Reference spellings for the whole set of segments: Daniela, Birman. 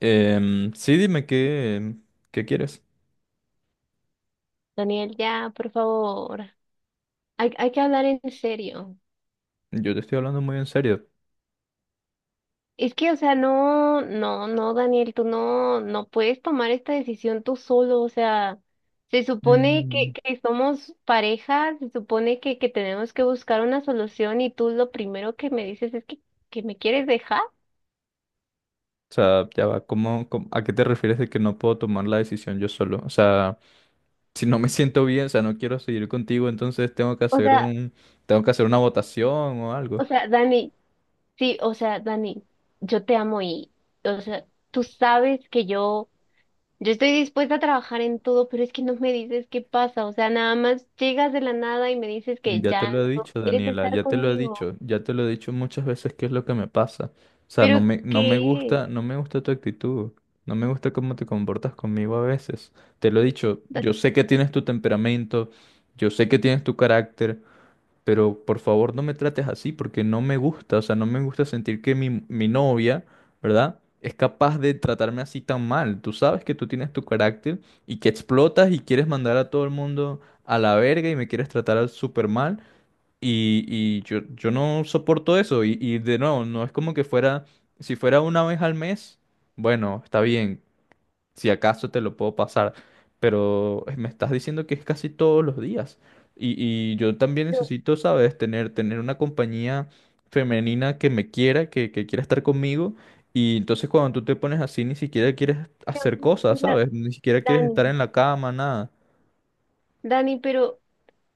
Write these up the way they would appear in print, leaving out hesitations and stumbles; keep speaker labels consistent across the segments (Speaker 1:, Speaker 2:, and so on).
Speaker 1: Sí, dime qué quieres.
Speaker 2: Daniel, ya, por favor. Hay que hablar en serio.
Speaker 1: Yo te estoy hablando muy en serio.
Speaker 2: Es que, o sea, no, no, no, Daniel, tú no puedes tomar esta decisión tú solo. O sea, se supone
Speaker 1: Mm,
Speaker 2: que somos pareja, se supone que tenemos que buscar una solución y tú lo primero que me dices es que me quieres dejar.
Speaker 1: O sea, ya va, a qué te refieres de que no puedo tomar la decisión yo solo? O sea, si no me siento bien, o sea, no quiero seguir contigo, entonces
Speaker 2: O sea,
Speaker 1: tengo que hacer una votación o
Speaker 2: o
Speaker 1: algo.
Speaker 2: sea, Dani, sí, o sea, Dani, yo te amo y, o sea, tú sabes que yo... Yo estoy dispuesta a trabajar en todo, pero es que no me dices qué pasa. O sea, nada más llegas de la nada y me dices que
Speaker 1: Ya te
Speaker 2: ya
Speaker 1: lo he
Speaker 2: no
Speaker 1: dicho,
Speaker 2: quieres
Speaker 1: Daniela,
Speaker 2: estar
Speaker 1: ya te lo he
Speaker 2: conmigo.
Speaker 1: dicho, ya te lo he dicho muchas veces qué es lo que me pasa. O sea, no
Speaker 2: ¿Pero
Speaker 1: me, no me
Speaker 2: qué es?
Speaker 1: gusta, no me gusta tu actitud, no me gusta cómo te comportas conmigo a veces. Te lo he dicho,
Speaker 2: Dani,
Speaker 1: yo sé que tienes tu temperamento, yo sé que tienes tu carácter, pero por favor no me trates así porque no me gusta, o sea, no me gusta sentir que mi novia, ¿verdad? Es capaz de tratarme así tan mal. Tú sabes que tú tienes tu carácter y que explotas y quieres mandar a todo el mundo a la verga y me quieres tratar súper mal. Y yo no soporto eso. Y de nuevo, no es como que fuera, si fuera una vez al mes, bueno, está bien, si acaso te lo puedo pasar, pero me estás diciendo que es casi todos los días. Y, y yo también
Speaker 2: yo-
Speaker 1: necesito, ¿sabes? Tener una compañía femenina que me quiera, que quiera estar conmigo. Y entonces cuando tú te pones así, ni siquiera quieres hacer
Speaker 2: o
Speaker 1: cosas,
Speaker 2: sea,
Speaker 1: ¿sabes? Ni siquiera quieres
Speaker 2: Dani,
Speaker 1: estar en la cama, nada.
Speaker 2: Dani, pero,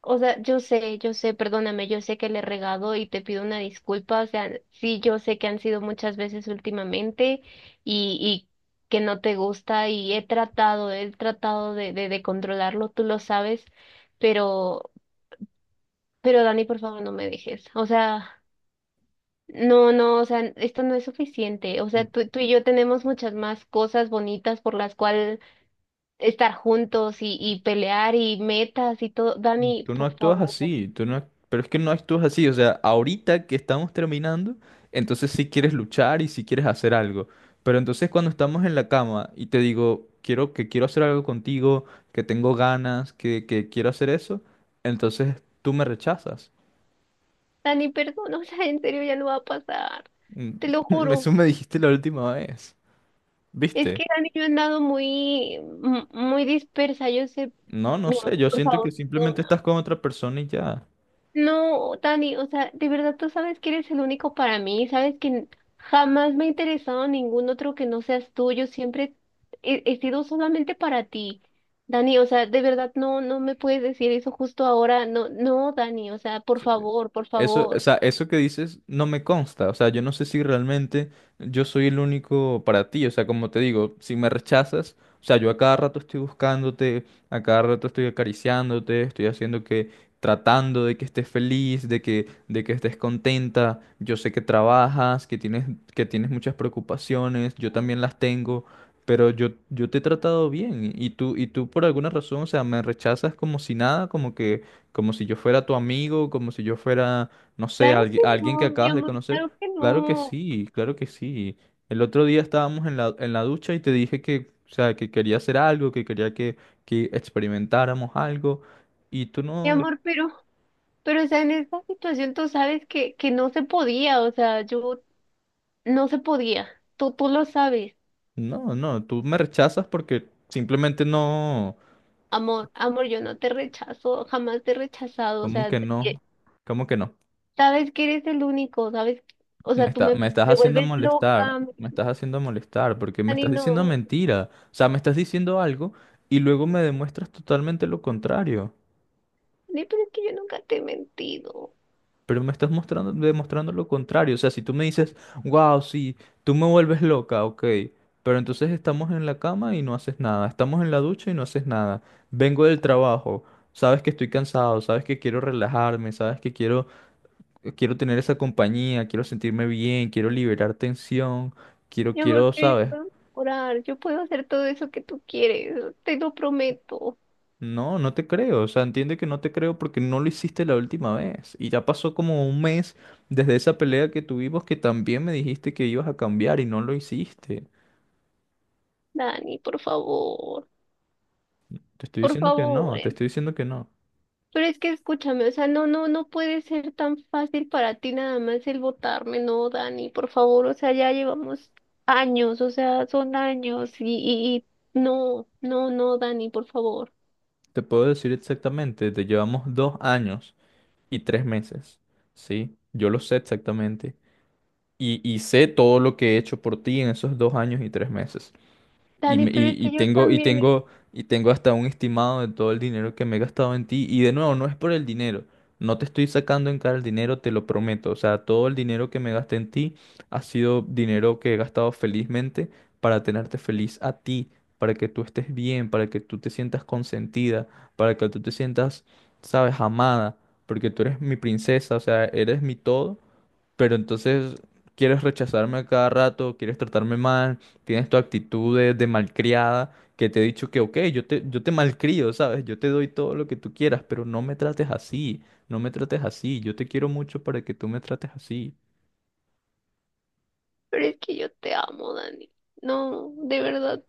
Speaker 2: o sea, yo sé, perdóname, yo sé que le he regado y te pido una disculpa. O sea, sí, yo sé que han sido muchas veces últimamente y que no te gusta y he tratado de controlarlo, tú lo sabes, pero. Pero Dani, por favor, no me dejes. O sea, no, no, o sea, esto no es suficiente. O sea, tú y yo tenemos muchas más cosas bonitas por las cuales estar juntos y pelear y metas y todo. Dani,
Speaker 1: Tú no
Speaker 2: por
Speaker 1: actúas
Speaker 2: favor.
Speaker 1: así, tú no, ac- pero es que no actúas así, o sea, ahorita que estamos terminando, entonces sí quieres luchar y sí quieres hacer algo, pero entonces cuando estamos en la cama y te digo, quiero hacer algo contigo, que tengo ganas, que quiero hacer eso, entonces tú me rechazas.
Speaker 2: Dani, perdón, o sea, en serio ya no va a pasar. Te lo juro.
Speaker 1: Eso me dijiste la última vez,
Speaker 2: Es
Speaker 1: ¿viste?
Speaker 2: que Dani, yo he andado muy, muy dispersa. Yo sé,
Speaker 1: No, no
Speaker 2: mi amor,
Speaker 1: sé, yo
Speaker 2: por
Speaker 1: siento que
Speaker 2: favor.
Speaker 1: simplemente estás con otra persona y ya.
Speaker 2: No, Dani, o sea, de verdad tú sabes que eres el único para mí, sabes que jamás me ha interesado ningún otro que no seas tú, yo siempre he sido solamente para ti. Dani, o sea, de verdad no, no me puedes decir eso justo ahora, no, no, Dani, o sea, por favor, por
Speaker 1: Eso, o
Speaker 2: favor.
Speaker 1: sea, eso que dices no me consta, o sea, yo no sé si realmente yo soy el único para ti, o sea, como te digo, si me rechazas, o sea, yo a cada rato estoy buscándote, a cada rato estoy acariciándote, tratando de que estés feliz, de que, estés contenta, yo sé que trabajas, que tienes muchas preocupaciones, yo también las tengo, pero yo te he tratado bien y tú por alguna razón, o sea, me rechazas como si nada, como si yo fuera tu amigo, como si yo fuera, no sé,
Speaker 2: Claro que
Speaker 1: alguien que
Speaker 2: no, mi
Speaker 1: acabas de
Speaker 2: amor,
Speaker 1: conocer.
Speaker 2: claro que
Speaker 1: Claro que
Speaker 2: no,
Speaker 1: sí, claro que sí. El otro día estábamos en la ducha y te dije que, o sea, que quería hacer algo, que quería que experimentáramos algo. Y tú
Speaker 2: mi
Speaker 1: no,
Speaker 2: amor, pero, o sea, en esta situación tú sabes que no se podía, o sea, yo no se podía, tú lo sabes.
Speaker 1: no, no, tú me rechazas porque simplemente no,
Speaker 2: Amor, amor, yo no te rechazo, jamás te he rechazado, o
Speaker 1: ¿cómo
Speaker 2: sea,
Speaker 1: que
Speaker 2: eh,
Speaker 1: no? ¿Cómo que no?
Speaker 2: sabes que eres el único, sabes, o sea, tú me
Speaker 1: Me estás
Speaker 2: te
Speaker 1: haciendo
Speaker 2: vuelves
Speaker 1: molestar,
Speaker 2: loca, me
Speaker 1: me estás haciendo molestar, porque me
Speaker 2: gritan y
Speaker 1: estás diciendo
Speaker 2: no.
Speaker 1: mentira. O sea, me estás diciendo algo y luego me demuestras totalmente lo contrario.
Speaker 2: Ni, pero es que yo nunca te he mentido.
Speaker 1: Pero me estás demostrando lo contrario. O sea, si tú me dices, wow, sí, tú me vuelves loca, ok. Pero entonces estamos en la cama y no haces nada. Estamos en la ducha y no haces nada. Vengo del trabajo. Sabes que estoy cansado, sabes que quiero relajarme, sabes que quiero tener esa compañía, quiero sentirme bien, quiero liberar tensión, quiero,
Speaker 2: Mi amor,
Speaker 1: quiero,
Speaker 2: pero yo
Speaker 1: ¿sabes?
Speaker 2: puedo orar, yo puedo hacer todo eso que tú quieres, te lo prometo.
Speaker 1: No, no te creo. O sea, entiende que no te creo porque no lo hiciste la última vez. Y ya pasó como un mes desde esa pelea que tuvimos que también me dijiste que ibas a cambiar y no lo hiciste.
Speaker 2: Dani,
Speaker 1: Te estoy
Speaker 2: por
Speaker 1: diciendo que
Speaker 2: favor,
Speaker 1: no, te estoy diciendo que no.
Speaker 2: pero es que escúchame, o sea, no, no, no puede ser tan fácil para ti nada más el votarme, no, Dani, por favor, o sea, ya llevamos años, o sea, son años y no, no, no, Dani, por favor.
Speaker 1: Te puedo decir exactamente, te llevamos 2 años y 3 meses. ¿Sí? Yo lo sé exactamente. Y sé todo lo que he hecho por ti en esos 2 años y tres meses. Y,
Speaker 2: Dani,
Speaker 1: me-
Speaker 2: pero
Speaker 1: y,
Speaker 2: es
Speaker 1: y
Speaker 2: que yo
Speaker 1: tengo, y
Speaker 2: también,
Speaker 1: tengo, y tengo hasta un estimado de todo el dinero que me he gastado en ti. Y de nuevo, no es por el dinero. No te estoy sacando en cara el dinero, te lo prometo. O sea, todo el dinero que me gasté en ti ha sido dinero que he gastado felizmente para tenerte feliz a ti, para que tú estés bien, para que tú te sientas consentida, para que tú te sientas, sabes, amada, porque tú eres mi princesa, o sea, eres mi todo. Pero entonces quieres rechazarme a cada rato, quieres tratarme mal, tienes tu actitud de malcriada, que te he dicho que, ok, yo te malcrio, ¿sabes? Yo te doy todo lo que tú quieras, pero no me trates así, no me trates así, yo te quiero mucho para que tú me trates así.
Speaker 2: pero es que yo te amo, Dani. No, de verdad,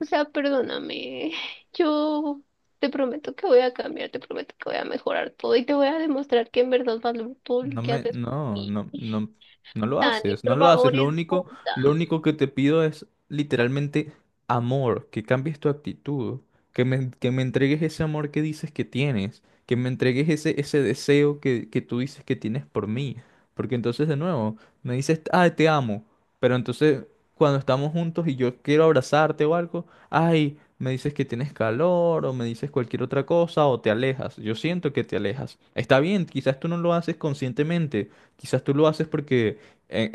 Speaker 2: o sea, perdóname, yo te prometo que voy a cambiar, te prometo que voy a mejorar todo y te voy a demostrar que en verdad valoro todo lo
Speaker 1: No
Speaker 2: que
Speaker 1: me,
Speaker 2: haces por
Speaker 1: no, no,
Speaker 2: mí.
Speaker 1: no, no lo
Speaker 2: Dani,
Speaker 1: haces, no
Speaker 2: por
Speaker 1: lo haces.
Speaker 2: favor,
Speaker 1: Lo
Speaker 2: es
Speaker 1: único, lo único que te pido es literalmente amor, que cambies tu actitud, que me entregues ese amor que dices que tienes, que me entregues ese deseo que tú dices que tienes por mí. Porque entonces de nuevo, me dices, ah, te amo, pero entonces cuando estamos juntos y yo quiero abrazarte o algo, ay, me dices que tienes calor o me dices cualquier otra cosa o te alejas. Yo siento que te alejas. Está bien, quizás tú no lo haces conscientemente, quizás tú lo haces porque en,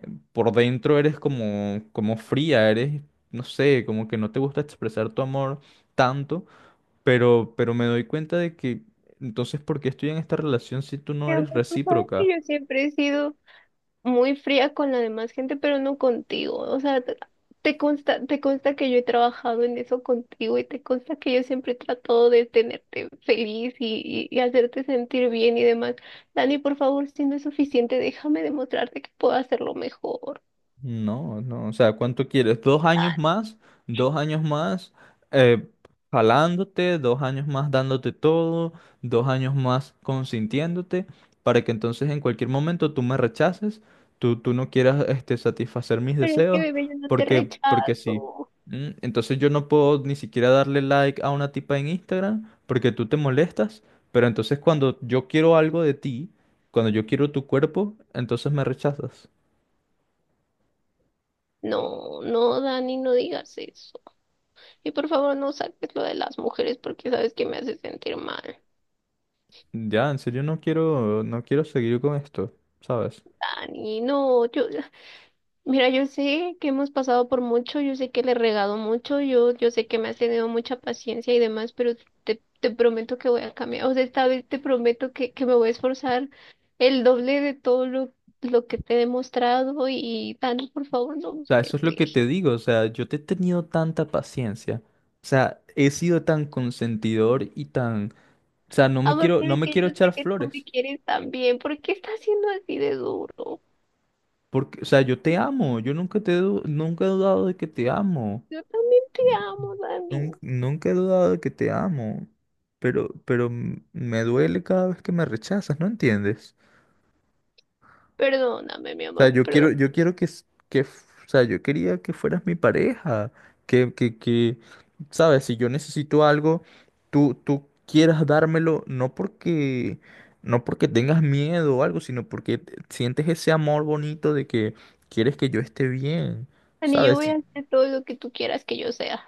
Speaker 1: en- por dentro eres como fría, eres, no sé, como que no te gusta expresar tu amor tanto, pero me doy cuenta de que entonces, ¿por qué estoy en esta relación si tú no
Speaker 2: mi
Speaker 1: eres
Speaker 2: amor, tú sabes que
Speaker 1: recíproca?
Speaker 2: yo siempre he sido muy fría con la demás gente, pero no contigo. O sea, te consta, te consta que yo he trabajado en eso contigo y te consta que yo siempre he tratado de tenerte feliz y, y hacerte sentir bien y demás. Dani, por favor, si no es suficiente, déjame demostrarte que puedo hacerlo mejor.
Speaker 1: No, no, o sea, ¿cuánto quieres? ¿2 años más? ¿2 años más eh, jalándote? ¿2 años más dándote todo? ¿2 años más consintiéndote? Para que entonces en cualquier momento tú me rechaces, tú no quieras satisfacer mis
Speaker 2: Pero es que,
Speaker 1: deseos,
Speaker 2: bebé, yo no te
Speaker 1: porque sí.
Speaker 2: rechazo.
Speaker 1: ¿Mm? Entonces yo no puedo ni siquiera darle like a una tipa en Instagram porque tú te molestas, pero entonces cuando yo quiero algo de ti, cuando yo quiero tu cuerpo, entonces me rechazas.
Speaker 2: No, no, Dani, no digas eso. Y por favor, no saques lo de las mujeres porque sabes que me hace sentir mal.
Speaker 1: Ya, en serio no quiero seguir con esto, ¿sabes?
Speaker 2: Dani, no, yo. Mira, yo sé que hemos pasado por mucho, yo sé que le he regado mucho, yo sé que me has tenido mucha paciencia y demás, pero te prometo que voy a cambiar. O sea, esta vez te prometo que me voy a esforzar el doble de todo lo que te he demostrado y Thanos, por favor, no
Speaker 1: O sea, eso
Speaker 2: puedes
Speaker 1: es lo que
Speaker 2: ir.
Speaker 1: te digo, o sea, yo te he tenido tanta paciencia, o sea, he sido tan consentidor y tan, o sea, no me
Speaker 2: Amor,
Speaker 1: quiero,
Speaker 2: pero
Speaker 1: no
Speaker 2: es
Speaker 1: me
Speaker 2: que
Speaker 1: quiero
Speaker 2: yo sé
Speaker 1: echar
Speaker 2: que tú me
Speaker 1: flores,
Speaker 2: quieres también. ¿Por qué estás siendo así de duro?
Speaker 1: porque, o sea, yo te amo, yo nunca te, he du- nunca he dudado de que te amo,
Speaker 2: Yo también te amo, Dani.
Speaker 1: nunca, nunca he dudado de que te amo, me duele cada vez que me rechazas, ¿no entiendes?
Speaker 2: Perdóname, mi amor,
Speaker 1: Yo quiero,
Speaker 2: perdón.
Speaker 1: yo quiero que, s- que, f- o sea, yo quería que fueras mi pareja, que, sabes, si yo necesito algo, tú quieras dármelo, no porque tengas miedo o algo, sino porque sientes ese amor bonito de que quieres que yo esté bien,
Speaker 2: Dani, yo
Speaker 1: sabes.
Speaker 2: voy
Speaker 1: Sí,
Speaker 2: a hacer todo lo que tú quieras que yo sea.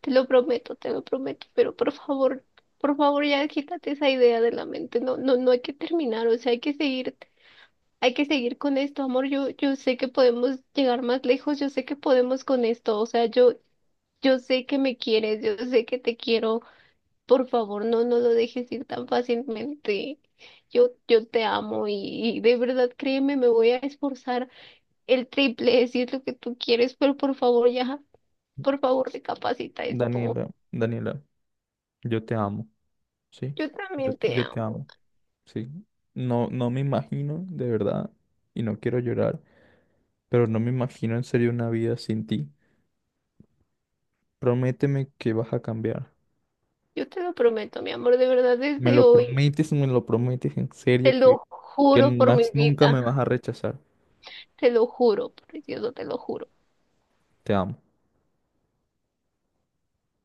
Speaker 2: Te lo prometo, pero por favor ya quítate esa idea de la mente. No, no, no hay que terminar, o sea, hay que seguir con esto, amor. Yo sé que podemos llegar más lejos, yo sé que podemos con esto, o sea, yo sé que me quieres, yo sé que te quiero. Por favor, no, no lo dejes ir tan fácilmente. Yo te amo y de verdad, créeme, me voy a esforzar el triple si es lo que tú quieres, pero por favor ya, por favor, recapacita esto.
Speaker 1: Daniela, Daniela, yo te amo, sí,
Speaker 2: Yo
Speaker 1: yo,
Speaker 2: también te
Speaker 1: yo te
Speaker 2: amo.
Speaker 1: amo, sí, no, no me imagino, de verdad, y no quiero llorar, pero no me imagino en serio una vida sin ti. Prométeme que vas a cambiar.
Speaker 2: Yo te lo prometo, mi amor, de verdad, desde hoy.
Speaker 1: Me lo prometes en
Speaker 2: Te
Speaker 1: serio, que,
Speaker 2: lo
Speaker 1: que
Speaker 2: juro por mi
Speaker 1: más nunca
Speaker 2: vida.
Speaker 1: me vas a rechazar.
Speaker 2: Te lo juro, precioso, te lo juro.
Speaker 1: Te amo.